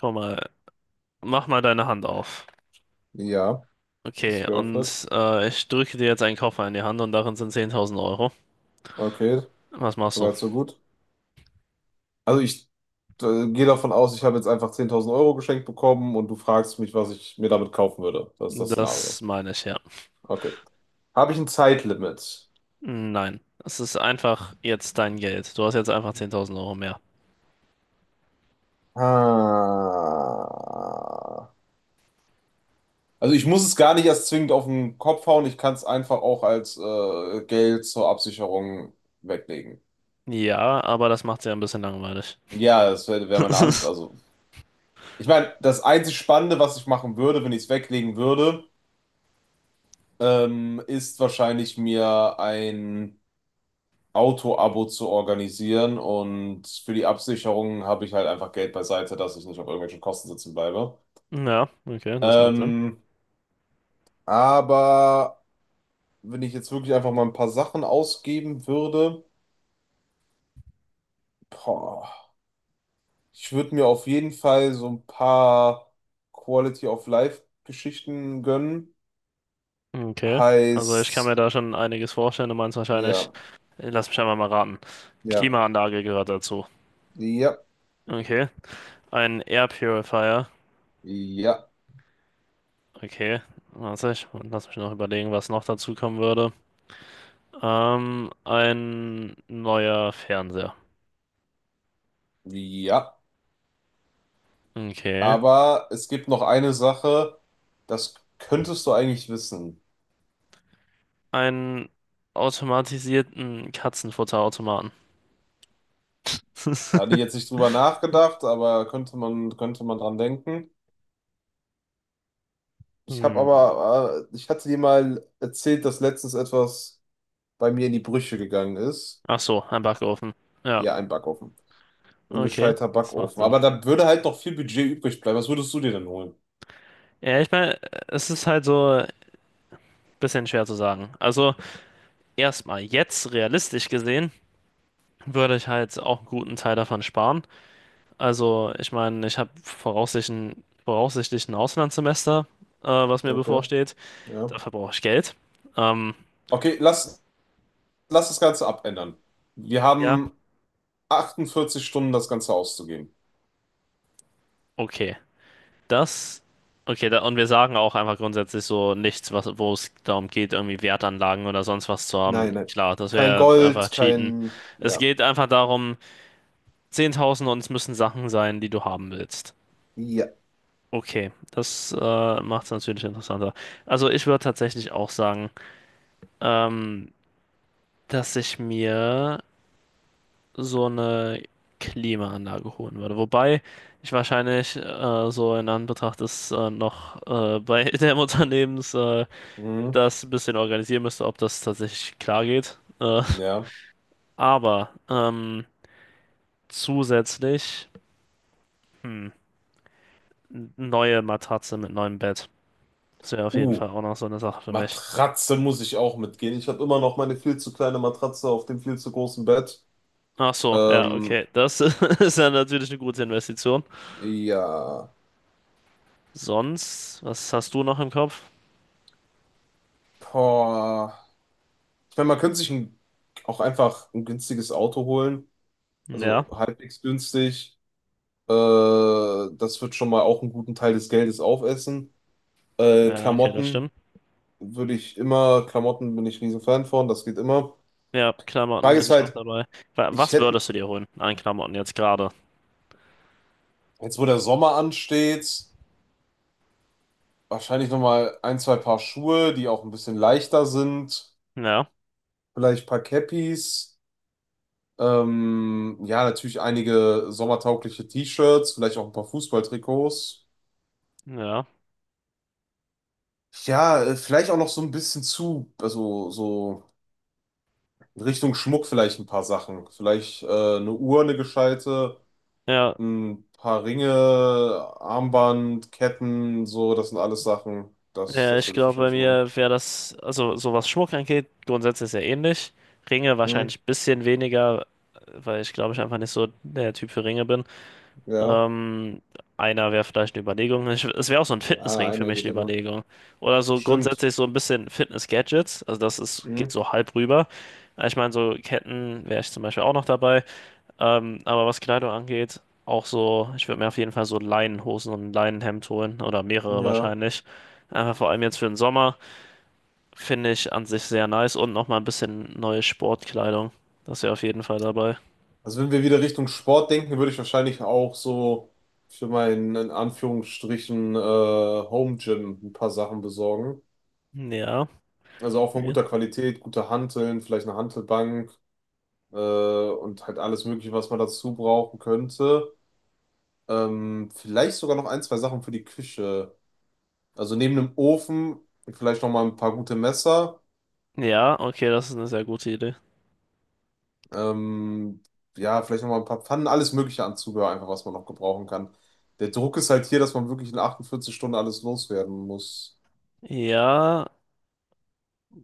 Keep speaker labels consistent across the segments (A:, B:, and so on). A: Komm mal, mach mal deine Hand auf.
B: Ja, ist
A: Okay,
B: geöffnet.
A: und ich drücke dir jetzt einen Koffer in die Hand und darin sind 10.000 Euro.
B: Okay,
A: Was machst du?
B: soweit so gut. Also ich gehe davon aus, ich habe jetzt einfach 10.000 Euro geschenkt bekommen und du fragst mich, was ich mir damit kaufen würde. Das ist das
A: Das
B: Szenario.
A: meine ich, ja.
B: Okay. Habe ich ein Zeitlimit?
A: Nein, es ist einfach jetzt dein Geld. Du hast jetzt einfach 10.000 € mehr.
B: Ah. Also ich muss es gar nicht erst zwingend auf den Kopf hauen, ich kann es einfach auch als Geld zur Absicherung weglegen.
A: Ja, aber das macht sie ein bisschen langweilig.
B: Ja, das wäre wär meine Antwort. Also ich meine, das einzig Spannende, was ich machen würde, wenn ich es weglegen würde, ist wahrscheinlich mir ein Auto-Abo zu organisieren, und für die Absicherung habe ich halt einfach Geld beiseite, dass ich nicht auf irgendwelchen Kosten sitzen bleibe.
A: Ja, okay, das macht Sinn.
B: Ähm, aber wenn ich jetzt wirklich einfach mal ein paar Sachen ausgeben würde, boah, ich würde mir auf jeden Fall so ein paar Quality of Life Geschichten gönnen.
A: Okay, also ich kann mir
B: Heißt,
A: da schon einiges vorstellen. Du meinst wahrscheinlich,
B: ja,
A: lass mich einmal mal raten.
B: ja,
A: Klimaanlage gehört dazu.
B: ja,
A: Okay, ein Air Purifier.
B: ja,
A: Okay, warte, ich lass mich noch überlegen, was noch dazu kommen würde. Ein neuer Fernseher.
B: ja.
A: Okay.
B: Aber es gibt noch eine Sache, das könntest du eigentlich wissen.
A: Einen automatisierten Katzenfutterautomaten.
B: Da hatte ich jetzt nicht drüber nachgedacht, aber könnte man dran denken. Ich habe
A: Hm.
B: aber, äh, ich hatte dir mal erzählt, dass letztens etwas bei mir in die Brüche gegangen ist.
A: Ach so, ein Backofen. Ja,
B: Ja, ein Backofen. Ein
A: okay,
B: gescheiter
A: das macht
B: Backofen.
A: Sinn.
B: Aber da würde halt noch viel Budget übrig bleiben. Was würdest du dir denn holen?
A: Ja, ich meine, es ist halt so ein bisschen schwer zu sagen. Also, erstmal, jetzt realistisch gesehen, würde ich halt auch einen guten Teil davon sparen. Also, ich meine, ich habe voraussichtlich, ein Auslandssemester, was mir
B: Okay,
A: bevorsteht.
B: ja.
A: Dafür brauche ich Geld. Ähm,
B: Okay, lass das Ganze abändern. Wir
A: ja,
B: haben 48 Stunden, das Ganze auszugeben.
A: okay. Das, okay, da, und wir sagen auch einfach grundsätzlich so nichts, was, wo es darum geht, irgendwie Wertanlagen oder sonst was zu haben.
B: Nein, nein.
A: Klar, das
B: Kein
A: wäre einfach
B: Gold,
A: Cheaten.
B: kein.
A: Es
B: Ja.
A: geht einfach darum, 10.000 und es müssen Sachen sein, die du haben willst.
B: Ja.
A: Okay, das macht es natürlich interessanter. Also, ich würde tatsächlich auch sagen, ähm, dass ich mir so eine Klimaanlage holen würde. Wobei ich wahrscheinlich so in Anbetracht des noch bei dem Unternehmens
B: Mhm.
A: das ein bisschen organisieren müsste, ob das tatsächlich klar geht.
B: Ja.
A: Aber zusätzlich hm, neue Matratze mit neuem Bett. Das wäre auf jeden
B: Uh,
A: Fall auch noch so eine Sache für mich.
B: Matratze muss ich auch mitgehen. Ich habe immer noch meine viel zu kleine Matratze auf dem viel zu großen Bett.
A: Ach so, ja,
B: Ähm,
A: okay. Das ist ja natürlich eine gute Investition.
B: ja.
A: Sonst, was hast du noch im Kopf?
B: Boah. Ich meine, man könnte sich auch einfach ein günstiges Auto holen.
A: Ja,
B: Also halbwegs günstig. Äh, Das wird schon mal auch einen guten Teil des Geldes aufessen.
A: ja, okay, das
B: Klamotten
A: stimmt.
B: würde ich immer, Klamotten bin ich riesen Fan von, das geht immer.
A: Ja, Klamotten
B: Frage
A: bin
B: ist
A: ich auch
B: halt,
A: dabei. Wa-
B: ich
A: Was
B: hätte,
A: würdest du dir holen an Klamotten jetzt gerade?
B: jetzt wo der Sommer ansteht, wahrscheinlich nochmal ein, zwei Paar Schuhe, die auch ein bisschen leichter sind.
A: Ja,
B: Vielleicht ein paar Cappies. Ja, natürlich einige sommertaugliche T-Shirts, vielleicht auch ein paar Fußballtrikots.
A: ja,
B: Ja, vielleicht auch noch so ein bisschen zu, also so in Richtung Schmuck vielleicht ein paar Sachen. Vielleicht eine Uhr, eine gescheite,
A: ja.
B: ein paar Ringe, Armband, Ketten, so, das sind alles Sachen. Das,
A: Ja,
B: das
A: ich
B: würde ich
A: glaube, bei
B: wahrscheinlich schon machen.
A: mir wäre das, also so was Schmuck angeht, grundsätzlich sehr ähnlich. Ringe
B: Mhm,
A: wahrscheinlich ein bisschen weniger, weil ich glaube, ich einfach nicht so der Typ für Ringe bin.
B: ja.
A: Ähm, Einer wäre vielleicht eine Überlegung. Es wäre auch so ein
B: Ja,
A: Fitnessring für
B: einer
A: mich
B: geht
A: eine
B: immer.
A: Überlegung. Oder so
B: Stimmt.
A: grundsätzlich so ein bisschen Fitness-Gadgets. Also das ist, geht
B: Mhm.
A: so halb rüber. Ich meine, so Ketten wäre ich zum Beispiel auch noch dabei. Aber was Kleidung angeht, auch so, ich würde mir auf jeden Fall so Leinenhosen und ein Leinenhemd holen oder mehrere
B: Ja.
A: wahrscheinlich. Einfach vor allem jetzt für den Sommer finde ich an sich sehr nice und nochmal ein bisschen neue Sportkleidung. Das ist ja auf jeden Fall dabei.
B: Also wenn wir wieder Richtung Sport denken, würde ich wahrscheinlich auch so für meinen in Anführungsstrichen Home Gym ein paar Sachen besorgen.
A: Ja,
B: Also auch von
A: okay.
B: guter Qualität, gute Hanteln, vielleicht eine Hantelbank und halt alles Mögliche, was man dazu brauchen könnte. Vielleicht sogar noch ein, zwei Sachen für die Küche. Also neben dem Ofen vielleicht noch mal ein paar gute Messer.
A: Ja, okay, das ist eine sehr gute Idee.
B: Ähm, ja, vielleicht nochmal ein paar Pfannen, alles Mögliche an Zubehör, einfach was man noch gebrauchen kann. Der Druck ist halt hier, dass man wirklich in 48 Stunden alles loswerden muss.
A: Ja,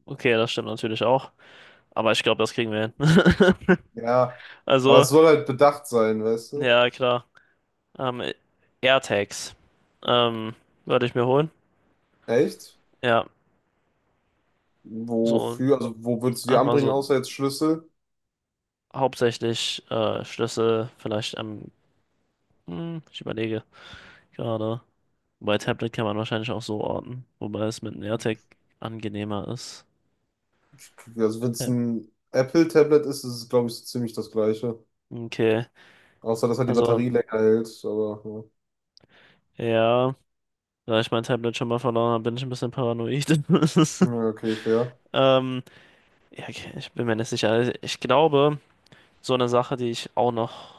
A: okay, das stimmt natürlich auch. Aber ich glaube, das kriegen wir hin.
B: Ja, aber
A: Also,
B: es soll halt bedacht sein, weißt du?
A: ja, klar. Ähm, AirTags ähm, würde ich mir holen.
B: Echt?
A: Ja, so
B: Wofür? Also, wo würdest du die
A: einfach
B: anbringen,
A: so
B: außer jetzt Schlüssel?
A: hauptsächlich Schlüssel, vielleicht am, ich überlege gerade. Bei Tablet kann man wahrscheinlich auch so orten, wobei es mit einem AirTag angenehmer ist.
B: Also, wenn es
A: Ja.
B: ein Apple-Tablet ist, ist es, glaube ich, so ziemlich das Gleiche.
A: Okay,
B: Außer, dass halt die
A: also
B: Batterie länger hält, aber
A: ja, da ich mein Tablet schon mal verloren habe, bin ich ein bisschen paranoid.
B: ja. Ja, okay, fair.
A: Ähm, ja, okay, ich bin mir nicht sicher. Also ich glaube, so eine Sache, die ich auch noch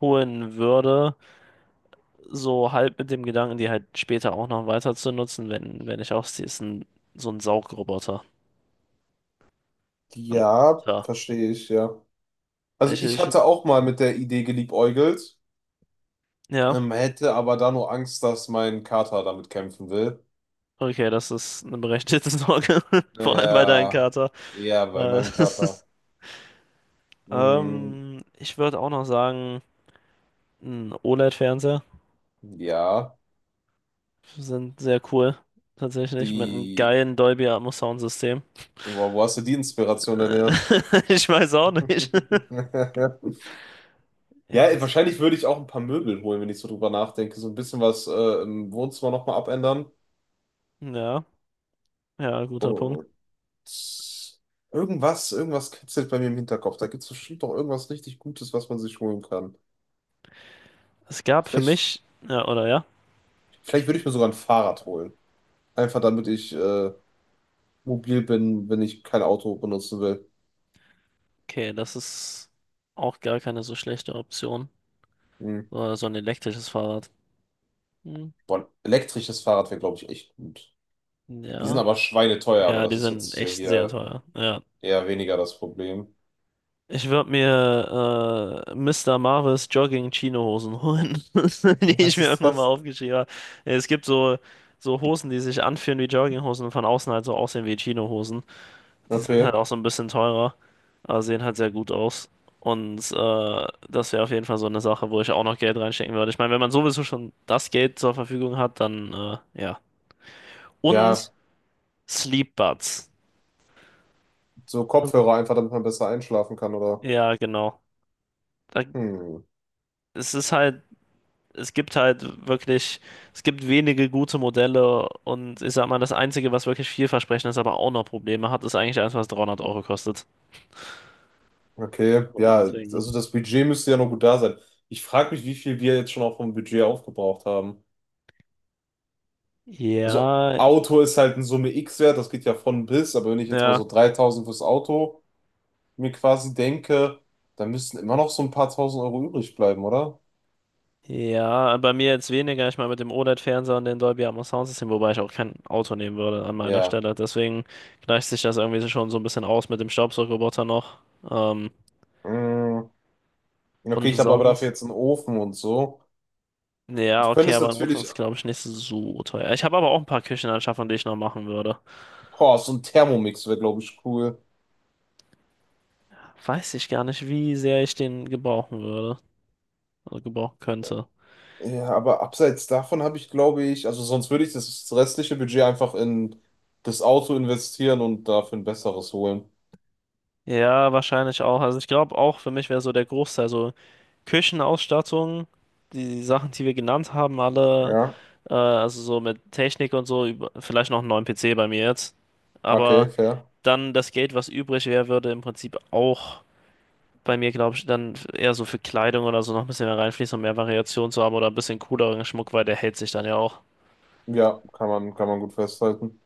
A: holen würde, so halb mit dem Gedanken, die halt später auch noch weiter zu nutzen, wenn ich ausziehe, ist so ein Saugroboter. Ein
B: Ja,
A: guter.
B: verstehe ich, ja. Also,
A: Ich,
B: ich
A: ich,
B: hatte auch mal mit der Idee geliebäugelt.
A: ja,
B: Hätte aber da nur Angst, dass mein Kater damit kämpfen will.
A: okay, das ist eine berechtigte Sorge, vor allem bei deinem
B: Ja,
A: Kater.
B: ja, bei
A: Äh,
B: meinem Kater. Mhm,
A: Ich würde auch noch sagen, ein OLED-Fernseher
B: ja,
A: sind sehr cool, tatsächlich, mit einem
B: die.
A: geilen Dolby Atmos Soundsystem.
B: Wo hast du die Inspiration denn her?
A: Ich weiß auch nicht. Ja,
B: Ja,
A: das,
B: wahrscheinlich würde ich auch ein paar Möbel holen, wenn ich so drüber nachdenke. So ein bisschen was im Wohnzimmer nochmal abändern.
A: ja, ja, guter Punkt.
B: Und irgendwas kitzelt bei mir im Hinterkopf. Da gibt es bestimmt doch irgendwas richtig Gutes, was man sich holen kann.
A: Es gab für
B: Vielleicht,
A: mich, ja, oder ja,
B: vielleicht würde ich mir sogar ein Fahrrad holen. Einfach damit ich mobil bin, wenn ich kein Auto benutzen will.
A: okay, das ist auch gar keine so schlechte Option.
B: Hm.
A: So ein elektrisches Fahrrad. Hm,
B: Boah, ein elektrisches Fahrrad wäre, glaube ich, echt gut. Die sind
A: ja.
B: aber schweineteuer, aber
A: Ja, die
B: das ist
A: sind
B: jetzt ja
A: echt sehr
B: hier
A: teuer. Ja.
B: eher weniger das Problem.
A: Ich würde mir Mr. Marvis Jogging-Chino-Hosen holen, die ich
B: Was
A: mir
B: ist
A: irgendwann mal
B: das?
A: aufgeschrieben habe. Ja, es gibt so Hosen, die sich anfühlen wie Jogginghosen und von außen halt so aussehen wie Chino-Hosen. Die sind halt
B: Okay.
A: auch so ein bisschen teurer, aber sehen halt sehr gut aus. Und das wäre auf jeden Fall so eine Sache, wo ich auch noch Geld reinstecken würde. Ich meine, wenn man sowieso schon das Geld zur Verfügung hat, dann ja. Und
B: Ja,
A: Sleep Buds.
B: so
A: Also,
B: Kopfhörer einfach, damit man besser einschlafen kann, oder?
A: ja, genau. Da,
B: Hm.
A: es ist halt es gibt halt wirklich, es gibt wenige gute Modelle und ich sag mal, das Einzige, was wirklich vielversprechend ist, aber auch noch Probleme hat, ist eigentlich eins, was 300 € kostet.
B: Okay.
A: Boah,
B: Ja,
A: deswegen.
B: also das Budget müsste ja noch gut da sein. Ich frage mich, wie viel wir jetzt schon auch vom Budget aufgebraucht haben. Also
A: Ja,
B: Auto ist halt ein Summe X-Wert, das geht ja von bis, aber wenn ich jetzt mal
A: ja,
B: so 3.000 fürs Auto mir quasi denke, da müssten immer noch so ein paar tausend Euro übrig bleiben, oder?
A: ja, bei mir jetzt weniger. Ich meine, mit dem OLED-Fernseher und dem Dolby Atmos Soundsystem, wobei ich auch kein Auto nehmen würde an meiner
B: Ja.
A: Stelle. Deswegen gleicht sich das irgendwie so schon so ein bisschen aus mit dem Staubsaugerroboter noch. Ähm,
B: Mm, okay,
A: und
B: ich habe aber dafür
A: sonst,
B: jetzt einen Ofen und so.
A: ja,
B: Ich könnte
A: okay,
B: es
A: aber ein Ofen
B: natürlich,
A: ist, glaube ich, nicht so teuer. Ich habe aber auch ein paar Küchenanschaffungen, die ich noch machen würde.
B: boah, so ein Thermomix wäre, glaube ich, cool.
A: Weiß ich gar nicht, wie sehr ich den gebrauchen würde. Also gebrauchen könnte.
B: Ja, aber abseits davon habe ich, glaube ich, also sonst würde ich das restliche Budget einfach in das Auto investieren und dafür ein besseres holen.
A: Ja, wahrscheinlich auch. Also ich glaube auch für mich wäre so der Großteil so Küchenausstattung, die Sachen, die wir genannt haben, alle,
B: Ja,
A: also so mit Technik und so, über, vielleicht noch einen neuen PC bei mir jetzt. Aber
B: okay, fair.
A: dann das Geld, was übrig wäre, würde im Prinzip auch bei mir, glaube ich, dann eher so für Kleidung oder so noch ein bisschen mehr reinfließen, um mehr Variation zu haben oder ein bisschen cooleren Schmuck, weil der hält sich dann ja auch.
B: Ja, kann man gut festhalten.